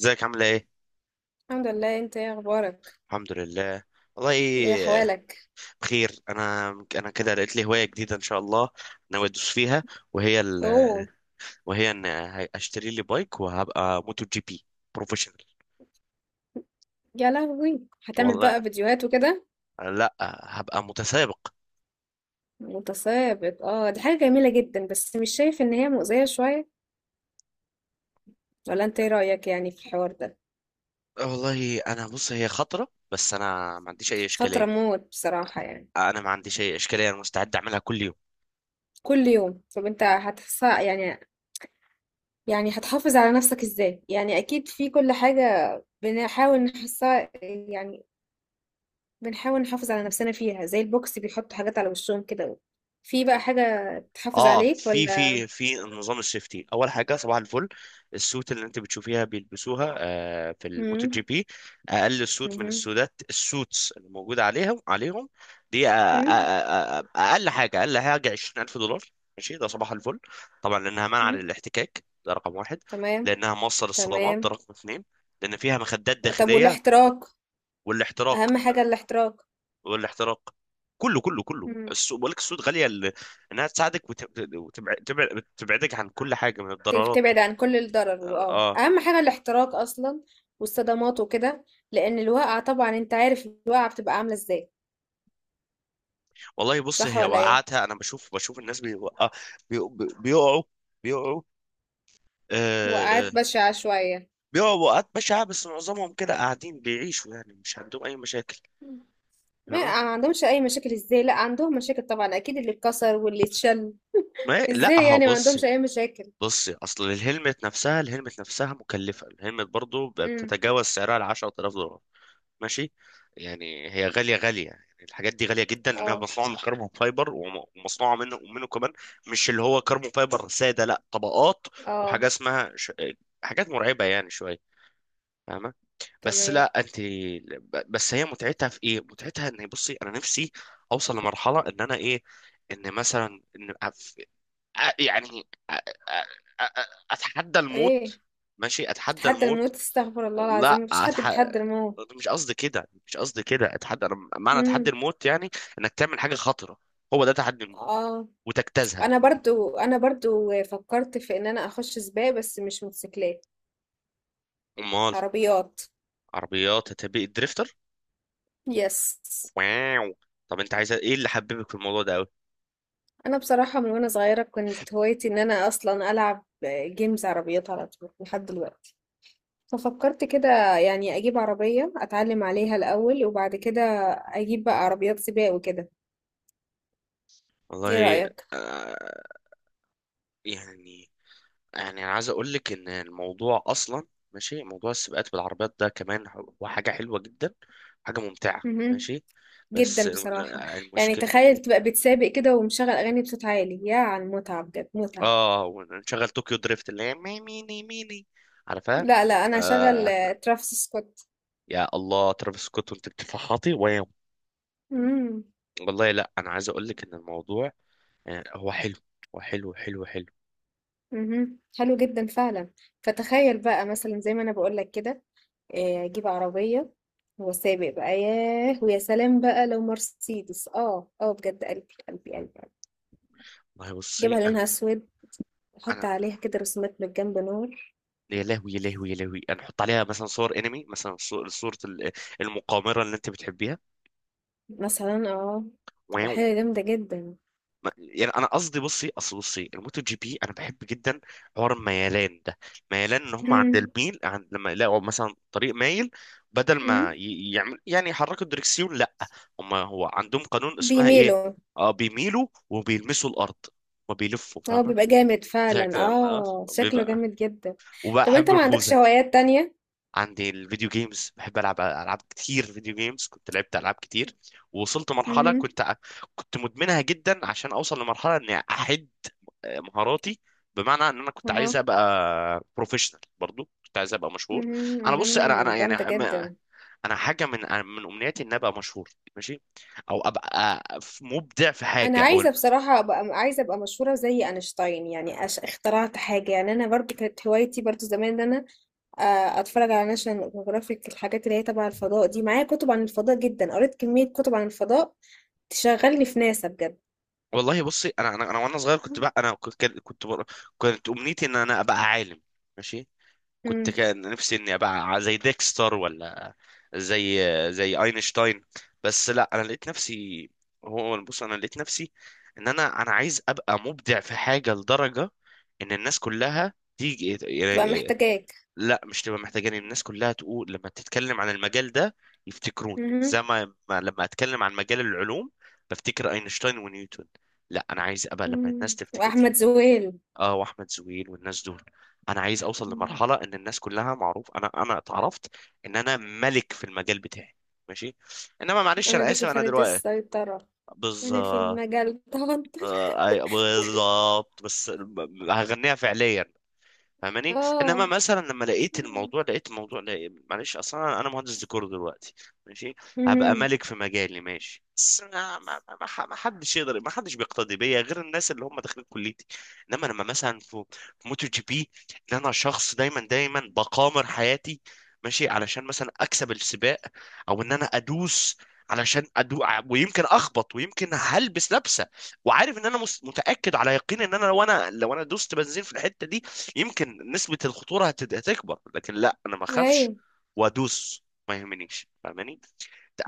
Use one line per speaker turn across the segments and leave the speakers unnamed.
ازيك عاملة ايه؟
الحمد لله. انت ايه اخبارك؟
الحمد لله. والله
ايه
إيه،
احوالك؟
بخير انا كده لقيت لي هواية جديدة ان شاء الله، ناوي ادوس فيها، وهي
اوه.
وهي ان اشتري لي بايك وهبقى موتو جي بي بروفيشنال.
يا لهوي، هتعمل
والله
بقى فيديوهات وكده؟
لا، هبقى متسابق.
متسابق؟ اه، دي حاجة جميلة جدا، بس مش شايف ان هي مؤذية شوية؟ ولا انت ايه رأيك يعني في الحوار ده؟
والله انا بص، هي خطرة بس انا ما عنديش اي
خطرة
اشكالية.
موت بصراحة، يعني.
انا ما عنديش اي اشكالية، انا مستعد اعملها كل يوم.
كل يوم؟ طب انت هتحس يعني هتحافظ على نفسك ازاي؟ يعني اكيد في كل حاجة بنحاول نحسها، يعني بنحاول نحافظ على نفسنا فيها، زي البوكس بيحطوا حاجات على وشهم كده. في بقى حاجة تحافظ
اه،
عليك
في
ولا؟
في في نظام السيفتي، اول حاجه صباح الفل، السوت اللي انت بتشوفيها بيلبسوها في الموتو جي
مم.
بي، اقل سوت من
مهم.
السودات، السوتس اللي موجوده عليهم دي،
إمم.
اقل حاجه اقل حاجه $20,000. ماشي، ده صباح الفل، طبعا لانها منع
إمم.
للاحتكاك، ده رقم واحد.
تمام.
لانها موصل الصدمات، ده
تمام.
رقم اثنين. لان فيها مخدات
طب
داخليه،
والاحتراق؟
والاحتراق.
أهم حاجة الاحتراق.
والاحتراق، كله كله كله
إمم.
السوق بقول لك، السوق غاليه انها تساعدك وتبعدك تبعدك عن كل حاجه من
ت
الضررات.
تبعد عن كل الضرر،
اه
وآه،
آه.
أهم حاجة الاحتراق أصلًا، والصدمات وكده. لأن الواقعة، طبعًا أنت عارف الواقعة بتبقى عاملة إزاي.
والله بص،
صح
هي
والّا إيه؟
وقعتها، انا بشوف، الناس بيوقع، بي... بي- بيقعوا بيقعوا. آه...
وقعات بشعة شوية.
بيقعوا وقعات بشعه، بس معظمهم كده قاعدين بيعيشوا، يعني مش عندهم اي مشاكل،
ما
فاهمه.
ما عندهمش أي مشاكل إزاي؟ لأ، عندهم مشاكل طبعًا، أكيد اللي اتكسر واللي اتشل.
ما لا،
إزاي
ها
يعني ما عندهمش
بصي،
أي مشاكل؟
بصي اصل الهلمت نفسها، الهلمت نفسها مكلفه، الهلمت برضو
إمم.
بتتجاوز سعرها ال $10,000. ماشي، يعني هي غاليه غاليه، يعني الحاجات دي غاليه جدا لانها
آه.
مصنوعه من كربون فايبر، ومصنوعه منه ومنه كمان، مش اللي هو كربون فايبر ساده، لا، طبقات.
آه.
وحاجه اسمها حاجات مرعبه يعني شويه، فاهمه. بس
تمام.
لا انت، بس هي متعتها في ايه؟ متعتها ان، بصي انا نفسي اوصل لمرحله ان انا ايه، ان مثلا ان أف... أ- يعني أ... أ... أ... اتحدى الموت.
إيه؟
ماشي، اتحدى
تتحدى
الموت.
الموت؟ استغفر الله العظيم،
لا،
مفيش حد بيتحدى الموت.
مش قصدي كده، مش قصدي كده. اتحدى، انا معنى تحدي
امم.
الموت يعني انك تعمل حاجه خطره، هو ده تحدي الموت،
اه،
وتجتازها.
انا برضو فكرت في ان انا اخش سباق، بس مش موتوسيكلات،
امال.
عربيات.
عربيات، هتبقى دريفتر.
يس.
واو. طب انت عايز ايه اللي حببك في الموضوع ده قوي؟
انا بصراحة من وانا صغيرة كانت هوايتي ان انا اصلا العب جيمز عربيات على طول لحد دلوقتي. ففكرت كده يعني اجيب عربية اتعلم عليها الاول، وبعد كده اجيب بقى عربيات سباق وكده.
والله
ايه.
آه، يعني، يعني انا عايز اقول لك ان الموضوع اصلا، ماشي، موضوع السباقات بالعربيات ده كمان هو حاجه حلوه جدا، حاجه ممتعه.
رأيك.
ماشي. بس
جدا بصراحة. يعني
المشكله.
تخيل تبقى بتسابق كده ومشغل أغاني بصوت عالي، يا على المتعة بجد، متعة.
اه، ونشغل طوكيو دريفت اللي هي ميني ميني، عارفها.
لا، لا، أنا هشغل
آه،
ترافيس سكوت.
يا الله، ترافيس سكوت وانت بتفحطي وياه.
امم.
والله لا، انا عايز اقول لك ان الموضوع آه، هو حلو، هو حلو حلو حلو.
امم. حلو جدا فعلا. فتخيل بقى مثلا زي ما أنا بقولك كده، أجيب عربية وسابق بقى. ياه، ويا سلام بقى لو مرسيدس، بجد، قلبي قلبي قلبي قلبي.
والله بصي،
جيبها
انا
لونها أسود، أحط
انا
عليها كده رسومات من جنب، نور.
يا لهوي، يا لهوي، يا لهوي، انا احط عليها مثلا صور انمي، مثلا صورة المقامرة اللي انت بتحبيها.
مثلا، تبقى حاجة جامدة جدا.
يعني انا قصدي، بصي اصل، بصي الموتو جي بي انا بحب جدا حوار الميلان ده. ميلان، ان هم عند
امم.
الميل، عند لما يلاقوا مثلا طريق مايل، بدل
امم.
ما يعمل، يعني يحركوا الدركسيون، لا، هم، هو عندهم قانون اسمها ايه،
بيميلوا.
اه بيميلوا وبيلمسوا الارض وبيلفوا،
اه،
فاهمه.
بيبقى جامد
زي
فعلا.
كده آه،
اه، شكله
بيبقى.
جامد جدا. طب انت
وبحب
ما عندكش
الخوذه.
هوايات تانية؟
عندي الفيديو جيمز، بحب العب العاب كتير فيديو جيمز. كنت لعبت العاب كتير، ووصلت مرحله
امم.
كنت، كنت مدمنها جدا عشان اوصل لمرحله اني احد مهاراتي، بمعنى ان انا كنت
اها.
عايز ابقى بروفيشنال، برضو كنت عايز ابقى مشهور.
مهم،
انا بص، انا
مهم.
انا
جامدة
يعني
جدا.
انا حاجه من من امنياتي ان ابقى مشهور، ماشي، او ابقى آه، مبدع في
انا
حاجه او
عايزة بصراحة ابقى، عايزة ابقى مشهورة زي اينشتاين، يعني اخترعت حاجة، يعني انا برضو كانت هوايتي برضو زمان ان انا اتفرج على ناشونال جيوغرافيك، الحاجات اللي هي تبع الفضاء دي. معايا كتب عن الفضاء جدا، قريت كمية كتب عن الفضاء. تشغلني في ناسا بجد.
والله بصي، انا وانا صغير، كنت بقى انا كنت، كنت امنيتي ان انا ابقى عالم. ماشي. كنت
امم.
كان نفسي اني ابقى زي ديكستر، ولا زي، زي اينشتاين. بس لا، انا لقيت نفسي، هو بص، انا لقيت نفسي ان انا عايز ابقى مبدع في حاجه لدرجه ان الناس كلها تيجي
تبقى
يعني.
محتاجاك.
لا، مش تبقى محتاجاني، الناس كلها تقول لما تتكلم عن المجال ده يفتكروني،
مهم.
زي ما لما اتكلم عن مجال العلوم بفتكر اينشتاين ونيوتن. لا، انا عايز ابقى لما الناس
مم.
تفتكر.
واحمد زويل.
اه، واحمد زويل والناس دول. انا عايز اوصل لمرحله ان الناس كلها معروف انا اتعرفت ان انا ملك في المجال بتاعي. ماشي. انما معلش،
أنا
انا
بيكو
اسف انا
فردت
دلوقتي.
السيطرة. أنا في
بالظبط.
المجال توتر.
آه، بالظبط، بس، هغنيها فعليا، فاهماني. انما
اه.
مثلا لما لقيت الموضوع لقيت معلش، اصلا انا، أنا مهندس ديكور دلوقتي. ماشي. هبقى
مهم.
ملك في مجالي، ماشي. بس ما حدش يقدر، ما حدش بيقتدي بيا غير الناس اللي هم داخلين كليتي. انما لما مثلا في، في موتو جي بي، ان انا شخص دايما دايما بقامر حياتي، ماشي علشان مثلا اكسب السباق، او ان انا ادوس، علشان ادوق ويمكن اخبط، ويمكن هلبس لبسه وعارف ان انا متاكد على يقين ان انا لو انا، لو انا دوست بنزين في الحته دي يمكن نسبة الخطورة هتكبر، لكن لا، انا ما اخافش
أيوه.
وادوس ما يهمنيش، فاهماني.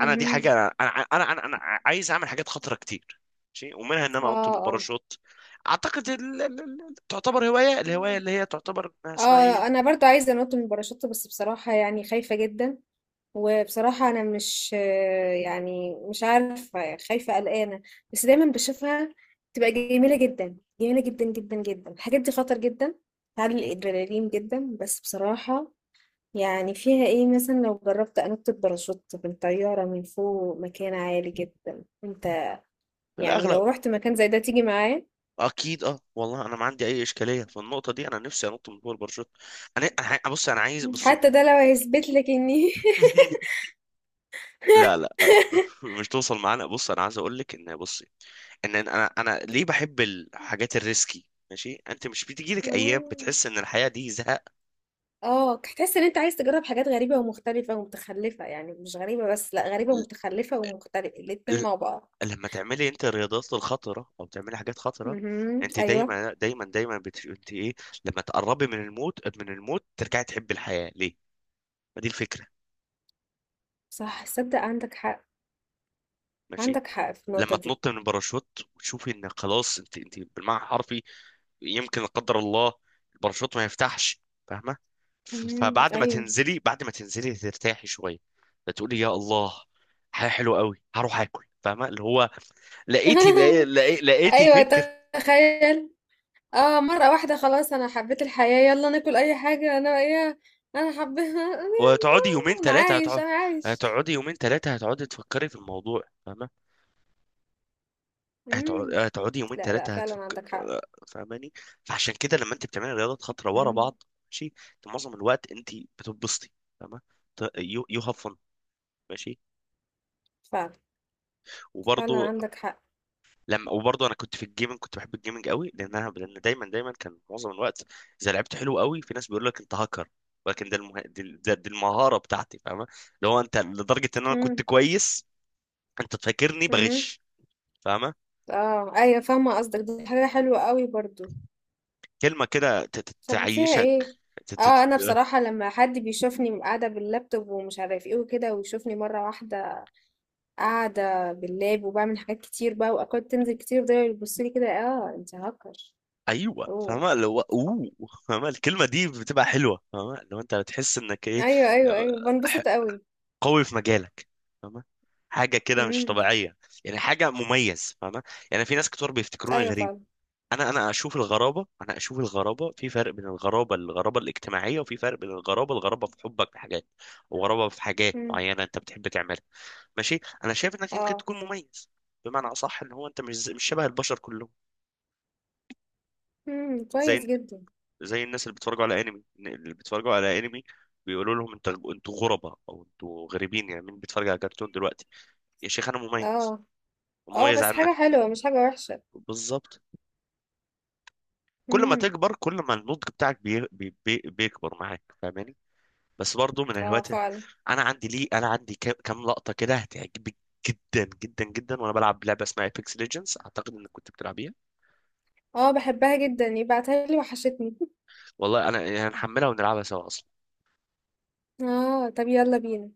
انا دي حاجة، انا انا انا, أنا, أنا عايز اعمل حاجات خطرة كتير، ماشي، ومنها ان انا انط
اه. اه.
بالباراشوت. اعتقد تعتبر هواية، الهواية اللي هي تعتبر اسمها ايه.
اه. أنا برضو عايزة أنط من الباراشوت، بس بصراحة يعني خايفة جدا. وبصراحة أنا مش، يعني مش عارفة، خايفة، قلقانة. بس دايما بشوفها تبقى جميلة جدا، جميلة جدا جدا جدا. الحاجات دي خطر جدا، تعلي الأدرينالين جدا، بس بصراحة يعني فيها ايه؟ مثلا لو جربت انط الباراشوت من طيارة من فوق مكان عالي جدا، انت يعني
بالاغلب.
لو رحت مكان زي ده تيجي معايا؟
اكيد اه، والله انا ما عندي اي اشكاليه في النقطه دي، انا نفسي انط من فوق الباراشوت. انا بص، انا عايز بص.
حتى ده لو هيثبت لك اني
لا لا، مش توصل معانا. بص انا عايز اقول لك ان، بصي، ان انا ليه بحب الحاجات الريسكي. ماشي. انت مش بتيجي لك ايام
مم.
بتحس ان الحياه دي زهق؟
اه، هتحس ان انت عايز تجرب حاجات غريبة ومختلفة ومتخلفة. يعني مش غريبة بس، لا، غريبة
ل-
ومتخلفة ومختلفة الاتنين
ل-
مع بعض.
لما تعملي انت الرياضات الخطره، او تعملي حاجات خطره،
مهم.
انت
ايوه،
دايما دايما دايما انت ايه، لما تقربي من الموت، من الموت ترجعي تحبي الحياه، ليه؟ ما دي الفكره.
صح. صدق عندك حق.
ماشي.
عندك حق في النقطة
لما
دي.
تنط من الباراشوت وتشوفي ان خلاص، انت انت بالمعنى الحرفي يمكن لا قدر الله الباراشوت ما يفتحش، فاهمه.
مهم.
فبعد ما
ايوه.
تنزلي، بعد ما تنزلي ترتاحي شويه، فتقولي يا الله، حاجه حلوه قوي، هروح اكل، فاهمه اللي هو لقيتي
ايوه.
فكر.
تخيل. اه، مرة واحدة خلاص انا حبيت الحياة، يلا ناكل اي حاجة، انا ايه، انا حبيها انا،
وهتقعدي يومين
يلا انا
ثلاثه،
عايش،
هتقعد،
انا عايش.
هتقعدي يومين ثلاثه هتقعدي تفكري في الموضوع، فاهمه.
مم.
هتقعدي يومين
لا، لا،
ثلاثة
فعلا
هتفك.
عندك حق.
فاهماني. فعشان كده لما انت بتعملي رياضات خطرة ورا
مم.
بعض، ماشي، انت معظم الوقت انت بتتبسطي، فاهمة. يو يو هاف فن. ماشي.
فعلا، فعلا
وبرضه،
عندك حق.
لما وبرضه انا كنت في الجيمنج، كنت بحب الجيمنج قوي، لان دايما دايما كان معظم الوقت اذا لعبت حلو قوي، في ناس بيقول لك انت هاكر، ولكن ده دي المهارة بتاعتي، فاهمة. اللي هو انت لدرجة ان انا كنت
مم.
كويس، انت تفكرني
مهم.
بغش، فاهمة.
اه، ايوه، فاهمة قصدك، دي حاجة حلوة قوي برضو.
كلمة كده
طب وفيها
تعيشك.
ايه؟ اه، انا بصراحة لما حد بيشوفني قاعدة باللابتوب ومش عارف ايه وكده، ويشوفني مرة واحدة قاعدة باللاب وبعمل حاجات كتير بقى، واكواد تنزل كتير، ده يبص لي كده، اه انت هاكر.
ايوه،
اوه.
فاهمه، اللي هو اوه. فاهمه الكلمه دي بتبقى حلوه، فاهمه، لو انت بتحس انك ايه،
ايوه، ايوه، ايوه،
ح-
بنبسط قوي.
قوي في مجالك، فاهمه، حاجه كده مش
امم.
طبيعيه، يعني حاجه مميز، فاهمه. يعني في ناس كتير بيفتكروني
ايوه،
غريب.
فعلا.
انا اشوف الغرابه، انا اشوف الغرابه في، فرق بين الغرابه، الاجتماعيه، وفي فرق بين الغرابه، في حبك لحاجات، وغرابه في حاجات
امم.
معينه انت بتحب تعملها. ماشي. انا شايف انك يمكن
اه.
تكون مميز، بمعنى اصح ان هو انت مش شبه البشر كلهم،
امم. كويس
زي،
جدا.
زي الناس اللي بيتفرجوا على انمي، اللي بيتفرجوا على انمي بيقولوا لهم انت، انتوا غرباء او انتوا غريبين، يعني مين بيتفرج على كرتون دلوقتي؟ يا شيخ، انا مميز،
اه. اه،
مميز
بس حاجه
عنك.
حلوه مش حاجه وحشه.
بالظبط. كل ما
امم.
تكبر، كل ما النضج بتاعك بيكبر معاك، فاهماني. بس برضو من
اه،
الهوايات
فعلا.
انا عندي ليه، انا عندي كام كام لقطة كده هتعجبك جدا جدا جدا، وانا بلعب لعبة اسمها ايبكس ليجندز، اعتقد انك كنت بتلعبيها.
اه، بحبها جدا، يبعتها لي، وحشتني.
والله انا يعني هنحملها ونلعبها سوا اصلا.
اه، طب يلا بينا.